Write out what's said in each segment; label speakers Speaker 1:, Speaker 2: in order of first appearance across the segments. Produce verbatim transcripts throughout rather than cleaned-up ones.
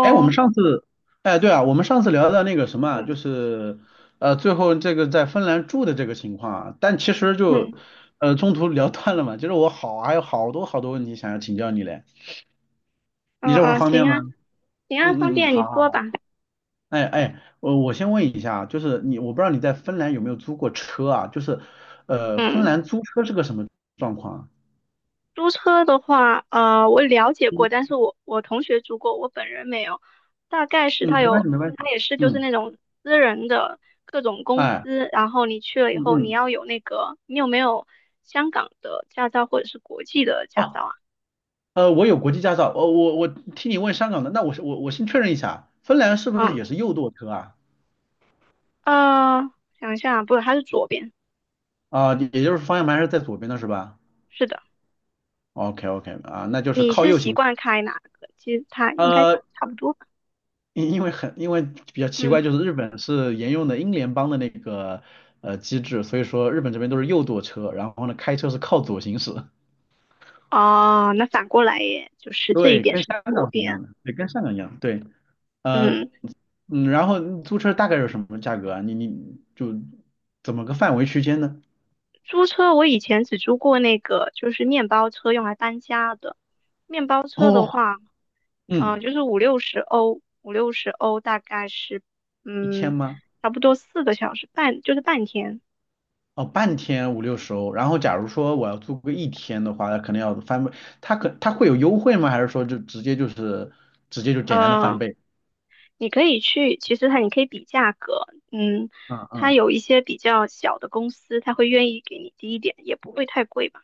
Speaker 1: 哎，我们 上次，哎，对啊，我们上次聊到那个什么啊，就
Speaker 2: 嗯
Speaker 1: 是，呃，最后这个在芬兰住的这个情况啊，但其实就，
Speaker 2: 嗯
Speaker 1: 呃，中途聊断了嘛，就是我好，还有好多好多问题想要请教你嘞，
Speaker 2: 嗯
Speaker 1: 你这会儿
Speaker 2: 嗯，
Speaker 1: 方
Speaker 2: 行
Speaker 1: 便吗？
Speaker 2: 啊行啊，方
Speaker 1: 嗯嗯嗯，
Speaker 2: 便你
Speaker 1: 好好
Speaker 2: 说吧。
Speaker 1: 好，哎哎，我我先问一下啊，就是你，我不知道你在芬兰有没有租过车啊，就是，呃，芬
Speaker 2: 嗯，
Speaker 1: 兰租车是个什么状况啊？
Speaker 2: 租车的话，呃，我了解过，
Speaker 1: 嗯
Speaker 2: 但是我我同学租过，我本人没有。大概是
Speaker 1: 嗯，
Speaker 2: 他
Speaker 1: 没关
Speaker 2: 有，
Speaker 1: 系没关系，
Speaker 2: 他也是就是
Speaker 1: 嗯，
Speaker 2: 那种私人的各种公
Speaker 1: 哎，
Speaker 2: 司，然后你去了以
Speaker 1: 嗯
Speaker 2: 后，你
Speaker 1: 嗯。
Speaker 2: 要有那个，你有没有香港的驾照或者是国际的驾
Speaker 1: 哦。
Speaker 2: 照
Speaker 1: 呃，我有国际驾照，呃，我我替你问香港的。那我是我我先确认一下，芬兰是不是
Speaker 2: 啊？嗯，
Speaker 1: 也是右舵车啊？
Speaker 2: 呃，想一下啊，不是，它是左边，
Speaker 1: 啊、也就是方向盘是在左边的是吧
Speaker 2: 是的。
Speaker 1: ？OK OK 啊，那就是
Speaker 2: 你
Speaker 1: 靠
Speaker 2: 是
Speaker 1: 右
Speaker 2: 习
Speaker 1: 行。
Speaker 2: 惯开哪个？其实它应该
Speaker 1: 呃，
Speaker 2: 都差不多吧。
Speaker 1: 因因为很因为比较奇怪，
Speaker 2: 嗯
Speaker 1: 就是日本是沿用的英联邦的那个呃机制，所以说日本这边都是右舵车，然后呢开车是靠左行驶。
Speaker 2: 哦，那反过来耶，就是这一
Speaker 1: 对，
Speaker 2: 边
Speaker 1: 跟
Speaker 2: 是
Speaker 1: 香
Speaker 2: 左
Speaker 1: 港是一
Speaker 2: 边。
Speaker 1: 样的，对，跟香港一样，对，呃，
Speaker 2: 嗯，
Speaker 1: 嗯，然后租车大概是什么价格啊？你你就怎么个范围区间呢？
Speaker 2: 租车我以前只租过那个，就是面包车用来搬家的。面包车
Speaker 1: 哦，
Speaker 2: 的话，嗯、
Speaker 1: 嗯，
Speaker 2: 就是五六十欧，五六十欧大概是，
Speaker 1: 一天
Speaker 2: 嗯，
Speaker 1: 吗？
Speaker 2: 差不多四个小时半，就是半天。
Speaker 1: 哦，半天五六十欧。然后假如说我要租个一天的话，那可能要翻倍。它可它会有优惠吗？还是说就直接就是直接就简单的翻
Speaker 2: 呃，
Speaker 1: 倍？
Speaker 2: 你可以去，其实它你可以比价格，嗯，
Speaker 1: 嗯
Speaker 2: 它
Speaker 1: 嗯，
Speaker 2: 有一些比较小的公司，它会愿意给你低一点，也不会太贵吧。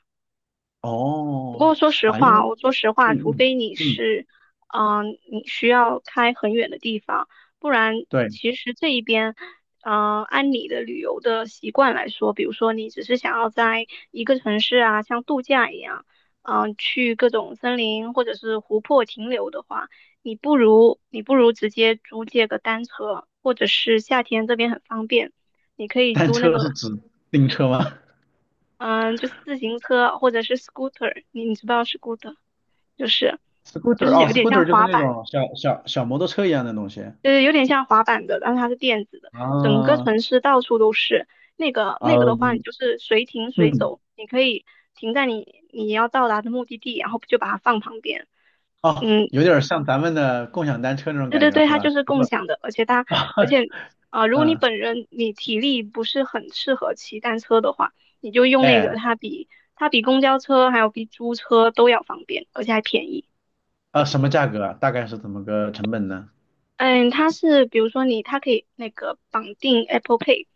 Speaker 2: 不过
Speaker 1: 哦，
Speaker 2: 说实
Speaker 1: 啊，因为
Speaker 2: 话，我说实
Speaker 1: 嗯
Speaker 2: 话，除
Speaker 1: 嗯
Speaker 2: 非你
Speaker 1: 嗯，
Speaker 2: 是，嗯、你需要开很远的地方，不然
Speaker 1: 对，
Speaker 2: 其实这一边，嗯、按你的旅游的习惯来说，比如说你只是想要在一个城市啊，像度假一样，嗯、去各种森林或者是湖泊停留的话，你不如你不如直接租借个单车，或者是夏天这边很方便，你可以
Speaker 1: 单
Speaker 2: 租那
Speaker 1: 车是
Speaker 2: 个，
Speaker 1: 指自行车吗
Speaker 2: 嗯、就是自行车或者是 scooter，你你知不知道 scooter。就是 就
Speaker 1: ？Scooter
Speaker 2: 是
Speaker 1: 哦
Speaker 2: 有点像
Speaker 1: ，scooter 就是
Speaker 2: 滑
Speaker 1: 那
Speaker 2: 板，
Speaker 1: 种小小小摩托车一样的东西啊，
Speaker 2: 就是有点像滑板的，但是它是电子的，整个城市到处都是。那个那个的话，你
Speaker 1: 嗯
Speaker 2: 就是随停随
Speaker 1: 嗯，
Speaker 2: 走，你可以停在你你要到达的目的地，然后就把它放旁边。
Speaker 1: 哦，
Speaker 2: 嗯，
Speaker 1: 有点像咱们的共享单车那种
Speaker 2: 对
Speaker 1: 感
Speaker 2: 对
Speaker 1: 觉
Speaker 2: 对，
Speaker 1: 是
Speaker 2: 它就
Speaker 1: 吧？
Speaker 2: 是
Speaker 1: 不
Speaker 2: 共
Speaker 1: 过，
Speaker 2: 享的，而且它而 且啊、呃如果你
Speaker 1: 嗯，
Speaker 2: 本人你体力不是很适合骑单车的话，你就用那个，
Speaker 1: 哎。
Speaker 2: 它比它比公交车还有比租车都要方便，而且还便宜。
Speaker 1: 啊，什么价格啊？大概是怎么个成本呢？
Speaker 2: 嗯，它是比如说你，它可以那个绑定 Apple Pay，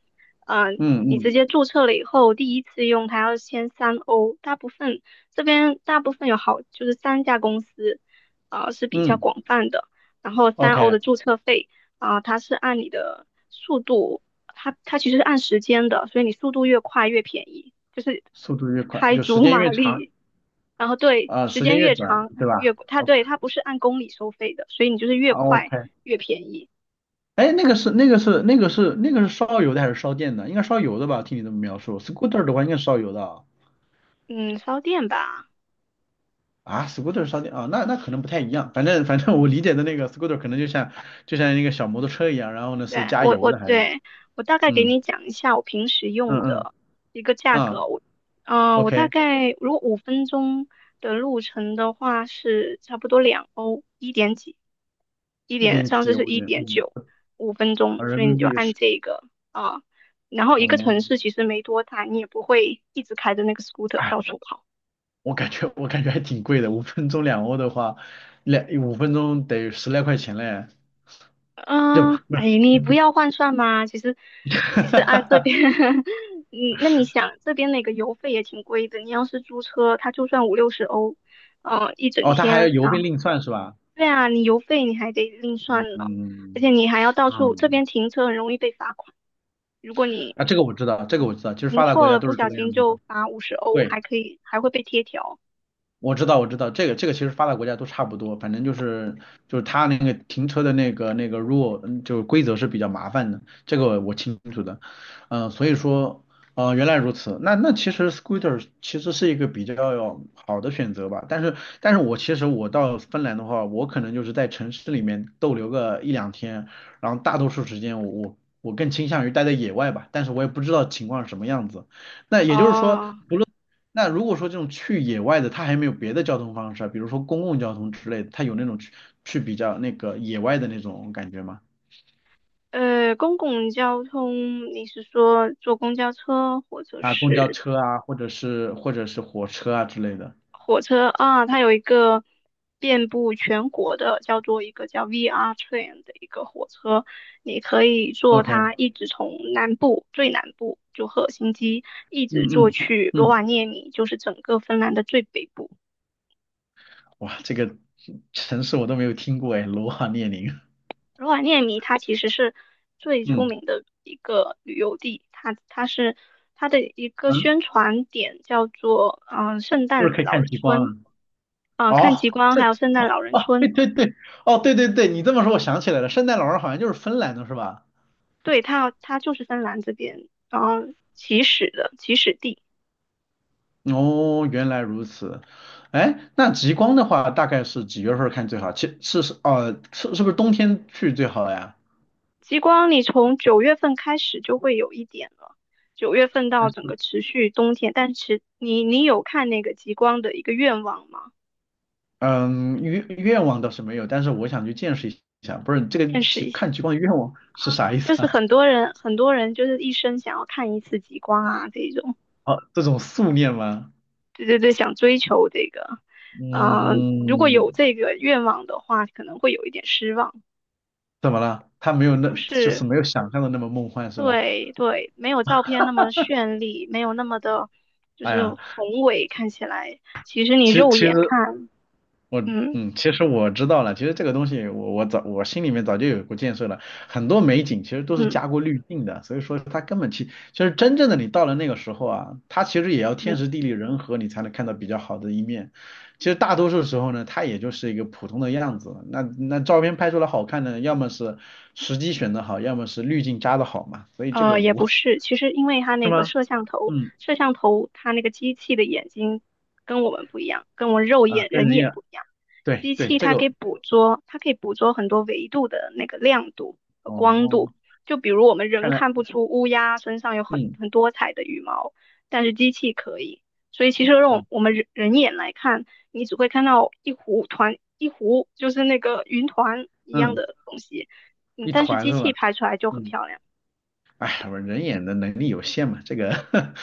Speaker 2: 嗯、
Speaker 1: 嗯
Speaker 2: 你直
Speaker 1: 嗯
Speaker 2: 接注册了以后，第一次用它要先三欧，大部分这边大部分有好就是三家公司，啊、是比较
Speaker 1: 嗯
Speaker 2: 广泛的，然后三欧
Speaker 1: ，OK，
Speaker 2: 的注册费啊、它是按你的速度，它它其实是按时间的，所以你速度越快越便宜，就是
Speaker 1: 速度越快，
Speaker 2: 开
Speaker 1: 就时
Speaker 2: 足
Speaker 1: 间
Speaker 2: 马
Speaker 1: 越长，
Speaker 2: 力。然后对，
Speaker 1: 啊、
Speaker 2: 时
Speaker 1: 时间
Speaker 2: 间
Speaker 1: 越
Speaker 2: 越
Speaker 1: 短，
Speaker 2: 长
Speaker 1: 对吧
Speaker 2: 越贵，它
Speaker 1: ？OK
Speaker 2: 对它不是按公里收费的，所以你就是越快
Speaker 1: OK，
Speaker 2: 越便宜。
Speaker 1: 哎，那个是那个是那个是那个是烧油的还是烧电的？应该烧油的吧？听你这么描述，scooter 的话应该是烧油的啊。
Speaker 2: 嗯，烧电吧，
Speaker 1: 啊，scooter 烧电啊，那那可能不太一样。反正反正我理解的那个 scooter 可能就像就像一个小摩托车一样，然后呢是
Speaker 2: 对
Speaker 1: 加
Speaker 2: 我
Speaker 1: 油
Speaker 2: 我
Speaker 1: 的还是
Speaker 2: 对我大概给
Speaker 1: 嗯
Speaker 2: 你讲一下我平时用
Speaker 1: 嗯嗯
Speaker 2: 的一个价
Speaker 1: 啊
Speaker 2: 格，我嗯、呃我大
Speaker 1: ，OK，
Speaker 2: 概如果五分钟的路程的话是差不多两欧，一点几，一
Speaker 1: 一
Speaker 2: 点
Speaker 1: 点
Speaker 2: 上
Speaker 1: 几
Speaker 2: 次是
Speaker 1: 欧
Speaker 2: 一
Speaker 1: 元，
Speaker 2: 点
Speaker 1: 嗯，
Speaker 2: 九，五分钟，
Speaker 1: 啊人
Speaker 2: 所以你
Speaker 1: 民
Speaker 2: 就
Speaker 1: 币
Speaker 2: 按
Speaker 1: 是
Speaker 2: 这个啊、然后一个
Speaker 1: 哦。
Speaker 2: 城市其实没多大，你也不会一直开着那个 scooter 到
Speaker 1: 哎，
Speaker 2: 处跑。
Speaker 1: 我感觉我感觉还挺贵的，五分钟两欧的话，两五分钟得十来块钱嘞，就不
Speaker 2: 嗯，
Speaker 1: 是
Speaker 2: 哎，你不要换算嘛。其实，其实按这边，嗯，那你想这边那个油费也挺贵的。你要是租车，它就算五六十欧，嗯，一整
Speaker 1: 哦，他还
Speaker 2: 天。
Speaker 1: 要邮
Speaker 2: 然
Speaker 1: 费
Speaker 2: 后
Speaker 1: 另算是吧？
Speaker 2: 对啊，你油费你还得另算呢，而
Speaker 1: 嗯
Speaker 2: 且你还要到处，这
Speaker 1: 嗯，
Speaker 2: 边停车很容易被罚款。如果你
Speaker 1: 啊，这个我知道，这个我知道，其实
Speaker 2: 停
Speaker 1: 发达国
Speaker 2: 错
Speaker 1: 家
Speaker 2: 了，
Speaker 1: 都
Speaker 2: 不
Speaker 1: 是这
Speaker 2: 小
Speaker 1: 个
Speaker 2: 心
Speaker 1: 样子的，
Speaker 2: 就罚五十欧，
Speaker 1: 对。
Speaker 2: 还可以还会被贴条。
Speaker 1: 我知道，我知道，这个这个其实发达国家都差不多，反正就是就是他那个停车的那个那个 rule，嗯就是规则是比较麻烦的，这个我清楚的，嗯、所以说，呃，原来如此，那那其实 scooter 其实是一个比较好的选择吧，但是但是我其实我到芬兰的话，我可能就是在城市里面逗留个一两天，然后大多数时间我我我更倾向于待在野外吧，但是我也不知道情况是什么样子。那也就是说，
Speaker 2: 哦，
Speaker 1: 那如果说这种去野外的，它还没有别的交通方式啊，比如说公共交通之类的，它有那种去去比较那个野外的那种感觉吗？
Speaker 2: 呃，公共交通，你是说坐公交车或者
Speaker 1: 啊，公交
Speaker 2: 是？
Speaker 1: 车啊，或者是或者是火车啊之类的。
Speaker 2: 火车啊，它有一个遍布全国的，叫做一个叫 V R train 的一个火车，你可以坐
Speaker 1: OK，
Speaker 2: 它一直从南部最南部就赫尔辛基，一直坐
Speaker 1: 嗯嗯
Speaker 2: 去罗
Speaker 1: 嗯，
Speaker 2: 瓦涅米，就是整个芬兰的最北部。
Speaker 1: 哇，这个城市我都没有听过哎，罗瓦涅宁。
Speaker 2: 罗瓦涅米它其实是最出
Speaker 1: 嗯
Speaker 2: 名的一个旅游地，它它是它的一个
Speaker 1: 嗯，
Speaker 2: 宣传点叫做嗯、呃圣
Speaker 1: 是不是
Speaker 2: 诞
Speaker 1: 可以
Speaker 2: 老
Speaker 1: 看
Speaker 2: 人
Speaker 1: 极光
Speaker 2: 村
Speaker 1: 啊？
Speaker 2: 啊、呃看
Speaker 1: 哦，
Speaker 2: 极光
Speaker 1: 这
Speaker 2: 还有圣诞老人
Speaker 1: 哦，
Speaker 2: 村。
Speaker 1: 对对对，哦对对对，你这么说我想起来了，圣诞老人好像就是芬兰的是吧？
Speaker 2: 对，它它就是芬兰这边，然后起始的起始地。
Speaker 1: 哦，原来如此。哎，那极光的话，大概是几月份儿看最好？其是是哦，是是不是冬天去最好呀？
Speaker 2: 极光你从九月份开始就会有一点了，九月份到
Speaker 1: 但
Speaker 2: 整个
Speaker 1: 是，
Speaker 2: 持续冬天。但是你你有看那个极光的一个愿望吗？
Speaker 1: 嗯，愿愿望倒是没有，但是我想去见识一下。不是这个
Speaker 2: 见识
Speaker 1: 极
Speaker 2: 一下，
Speaker 1: 看极光的愿望是啥意思
Speaker 2: 就是
Speaker 1: 啊？
Speaker 2: 很多人很多人就是一生想要看一次极光啊这种，
Speaker 1: 哦，这种素念吗？
Speaker 2: 对对对，想追求这个，呃，如果
Speaker 1: 嗯，
Speaker 2: 有这个愿望的话，可能会有一点失望，
Speaker 1: 怎么了？他没有那，
Speaker 2: 就
Speaker 1: 就是
Speaker 2: 是。
Speaker 1: 没有想象的那么梦幻是吧？
Speaker 2: 对对，没有照片那么绚丽，没有那么的，就
Speaker 1: 哎
Speaker 2: 是
Speaker 1: 呀，
Speaker 2: 宏伟，看起来，其实你
Speaker 1: 其实
Speaker 2: 肉
Speaker 1: 其
Speaker 2: 眼
Speaker 1: 实
Speaker 2: 看，
Speaker 1: 我
Speaker 2: 嗯
Speaker 1: 嗯，其实我知道了，其实这个东西我我早我心里面早就有过建设了，很多美景其实都是
Speaker 2: 嗯
Speaker 1: 加过滤镜的，所以说它根本其其实真正的你到了那个时候啊，它其实也要天时
Speaker 2: 嗯。
Speaker 1: 地利人和你才能看到比较好的一面，其实大多数时候呢，它也就是一个普通的样子，那那照片拍出来好看的，要么是时机选得好，要么是滤镜加的好嘛，所以这个
Speaker 2: 呃，也
Speaker 1: 无
Speaker 2: 不是，其实因为它
Speaker 1: 是
Speaker 2: 那个
Speaker 1: 吗？
Speaker 2: 摄像头，
Speaker 1: 嗯
Speaker 2: 摄像头它那个机器的眼睛跟我们不一样，跟我们肉
Speaker 1: 啊，
Speaker 2: 眼
Speaker 1: 跟
Speaker 2: 人
Speaker 1: 人一
Speaker 2: 眼
Speaker 1: 样，
Speaker 2: 不一样。
Speaker 1: 对
Speaker 2: 机
Speaker 1: 对，
Speaker 2: 器
Speaker 1: 这
Speaker 2: 它可以
Speaker 1: 个
Speaker 2: 捕捉，它可以捕捉很多维度的那个亮度和
Speaker 1: 哦
Speaker 2: 光度。
Speaker 1: 哦，
Speaker 2: 就比如我们人
Speaker 1: 看来
Speaker 2: 看不出乌鸦身上有很
Speaker 1: 嗯
Speaker 2: 很多彩的羽毛，但是机器可以。所以其实用
Speaker 1: 我
Speaker 2: 我们人人眼来看，你只会看到一糊团，一糊就是那个云团一样
Speaker 1: 嗯
Speaker 2: 的东西。嗯，
Speaker 1: 一
Speaker 2: 但是
Speaker 1: 团
Speaker 2: 机
Speaker 1: 是吧？
Speaker 2: 器拍出来就很
Speaker 1: 嗯，
Speaker 2: 漂亮。
Speaker 1: 哎，我人眼的能力有限嘛，这个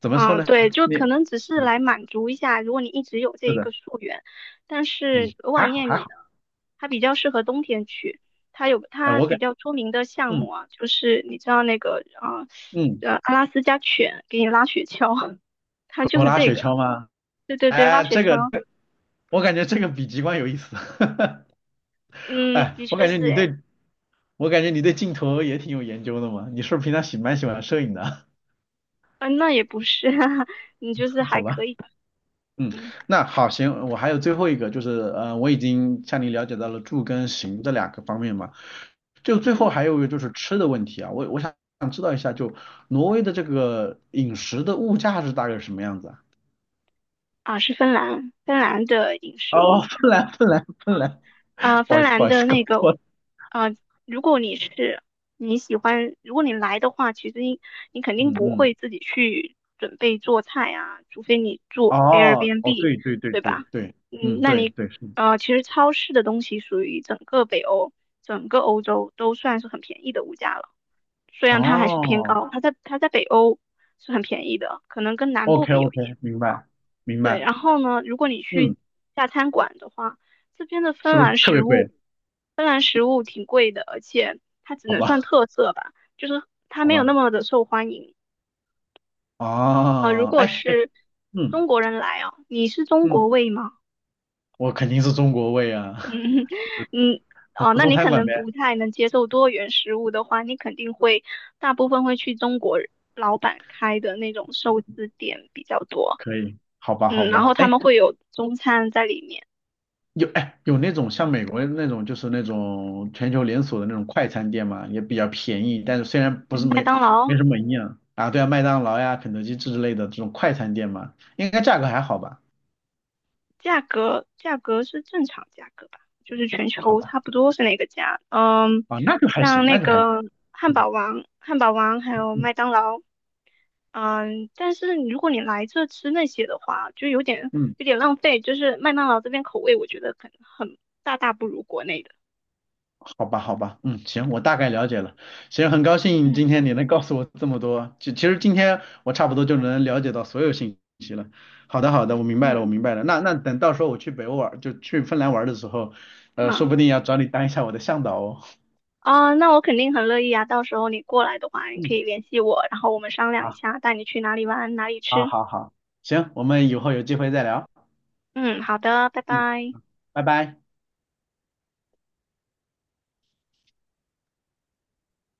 Speaker 1: 怎么说
Speaker 2: 啊，
Speaker 1: 呢？
Speaker 2: 对，就
Speaker 1: 你，
Speaker 2: 可能只是
Speaker 1: 嗯，
Speaker 2: 来满足一下，如果你一直有这
Speaker 1: 是
Speaker 2: 一个
Speaker 1: 的，
Speaker 2: 溯源，但
Speaker 1: 嗯，
Speaker 2: 是额瓦
Speaker 1: 还好
Speaker 2: 涅
Speaker 1: 还
Speaker 2: 米呢，
Speaker 1: 好，
Speaker 2: 它比较适合冬天去，它有
Speaker 1: 哎，
Speaker 2: 它
Speaker 1: 我
Speaker 2: 比
Speaker 1: 感，
Speaker 2: 较出名的项目
Speaker 1: 嗯
Speaker 2: 啊，就是你知道那个啊，
Speaker 1: 嗯，
Speaker 2: 呃，阿拉斯加犬给你拉雪橇，它就
Speaker 1: 狗
Speaker 2: 是
Speaker 1: 拉
Speaker 2: 这
Speaker 1: 雪
Speaker 2: 个，
Speaker 1: 橇吗？
Speaker 2: 对对对，拉
Speaker 1: 哎，
Speaker 2: 雪
Speaker 1: 这个
Speaker 2: 橇，
Speaker 1: 我感觉这个比极光有意思，
Speaker 2: 嗯，
Speaker 1: 哎，
Speaker 2: 的
Speaker 1: 我
Speaker 2: 确
Speaker 1: 感觉
Speaker 2: 是
Speaker 1: 你
Speaker 2: 诶，
Speaker 1: 对，我感觉你对镜头也挺有研究的嘛，你是不是平常喜蛮喜欢摄影的？
Speaker 2: 嗯，那也不是，你就是
Speaker 1: 好
Speaker 2: 还可
Speaker 1: 吧。
Speaker 2: 以吧，
Speaker 1: 嗯，
Speaker 2: 嗯
Speaker 1: 那好，行，我还有最后一个，就是呃，我已经向你了解到了住跟行这两个方面嘛，就最后
Speaker 2: 嗯，
Speaker 1: 还有一个就是吃的问题啊，我我想想知道一下，就挪威的这个饮食的物价是大概是什么样子啊？
Speaker 2: 啊，是芬兰，芬兰的饮 食物。
Speaker 1: 哦，芬兰，芬兰，芬兰，
Speaker 2: 啊，
Speaker 1: 不好
Speaker 2: 芬
Speaker 1: 意思，不
Speaker 2: 兰
Speaker 1: 好意思，
Speaker 2: 的
Speaker 1: 搞
Speaker 2: 那个，
Speaker 1: 错了。
Speaker 2: 啊，如果你是你喜欢，如果你来的话，其实你你肯定
Speaker 1: 嗯
Speaker 2: 不
Speaker 1: 嗯，
Speaker 2: 会自己去准备做菜啊，除非你住
Speaker 1: 哦哦，
Speaker 2: Airbnb，
Speaker 1: 对对对
Speaker 2: 对吧？
Speaker 1: 对对，
Speaker 2: 嗯，
Speaker 1: 嗯
Speaker 2: 那
Speaker 1: 对
Speaker 2: 你
Speaker 1: 对是，
Speaker 2: 呃，其实超市的东西属于整个北欧、整个欧洲都算是很便宜的物价了，虽然它还是偏
Speaker 1: 哦
Speaker 2: 高，它在它在北欧是很便宜的，可能跟南部
Speaker 1: ，OK
Speaker 2: 比有一点。
Speaker 1: OK，明白明
Speaker 2: 对，
Speaker 1: 白，
Speaker 2: 然后呢，如果你去
Speaker 1: 嗯，
Speaker 2: 大餐馆的话，这边的芬
Speaker 1: 是不是
Speaker 2: 兰
Speaker 1: 特
Speaker 2: 食
Speaker 1: 别贵？
Speaker 2: 物。芬兰食物挺贵的，而且它只
Speaker 1: 好
Speaker 2: 能算
Speaker 1: 吧
Speaker 2: 特色吧，就是它
Speaker 1: 好
Speaker 2: 没有那
Speaker 1: 吧，
Speaker 2: 么的受欢迎啊、如
Speaker 1: 哦，
Speaker 2: 果
Speaker 1: 哎哎，
Speaker 2: 是
Speaker 1: 嗯
Speaker 2: 中国人来哦，你是中国
Speaker 1: 嗯。
Speaker 2: 胃吗？
Speaker 1: 我肯定是中国胃啊，
Speaker 2: 嗯嗯 哦，
Speaker 1: 做
Speaker 2: 那
Speaker 1: 中
Speaker 2: 你
Speaker 1: 餐
Speaker 2: 可
Speaker 1: 馆
Speaker 2: 能
Speaker 1: 呗，
Speaker 2: 不太能接受多元食物的话，你肯定会大部分会去中国老板开的那种寿司店比较多，
Speaker 1: 可以，好吧，好
Speaker 2: 嗯，然
Speaker 1: 吧，
Speaker 2: 后他
Speaker 1: 哎，
Speaker 2: 们会有中餐在里面，
Speaker 1: 有哎有那种像美国那种就是那种全球连锁的那种快餐店嘛，也比较便宜，但是虽然不是
Speaker 2: 嗯麦
Speaker 1: 没
Speaker 2: 当劳。
Speaker 1: 没什么营养啊，对啊，麦当劳呀、肯德基之类的这种快餐店嘛，应该价格还好吧？
Speaker 2: 价格价格是正常价格吧，就是全
Speaker 1: 好
Speaker 2: 球
Speaker 1: 吧，
Speaker 2: 差不多是那个价。嗯，
Speaker 1: 啊，那就还
Speaker 2: 像
Speaker 1: 行，
Speaker 2: 那
Speaker 1: 那就还行，
Speaker 2: 个汉堡
Speaker 1: 嗯
Speaker 2: 王、汉堡王还有
Speaker 1: 嗯
Speaker 2: 麦当劳，嗯，但是如果你来这吃那些的话，就有点
Speaker 1: 嗯。
Speaker 2: 有点浪费。就是麦当劳这边口味，我觉得很很大大不如国内的。
Speaker 1: 好吧，好吧，嗯，行，我大概了解了。行，很高兴今
Speaker 2: 嗯
Speaker 1: 天你能告诉我这么多。其其实今天我差不多就能了解到所有信息了。好的，好的，我明白了，我
Speaker 2: 嗯
Speaker 1: 明白了。那那等到时候我去北欧玩，就去芬兰玩的时候，呃，说
Speaker 2: 啊
Speaker 1: 不定要找你当一下我的向导哦。
Speaker 2: 啊，那我肯定很乐意啊。到时候你过来的话，你可
Speaker 1: 嗯，
Speaker 2: 以联系我，然后我们商量一
Speaker 1: 好，
Speaker 2: 下，带你去哪里玩，哪里
Speaker 1: 好，
Speaker 2: 吃。
Speaker 1: 好，好，行，我们以后有机会再聊。
Speaker 2: 嗯，好的，拜
Speaker 1: 嗯，
Speaker 2: 拜。
Speaker 1: 拜拜。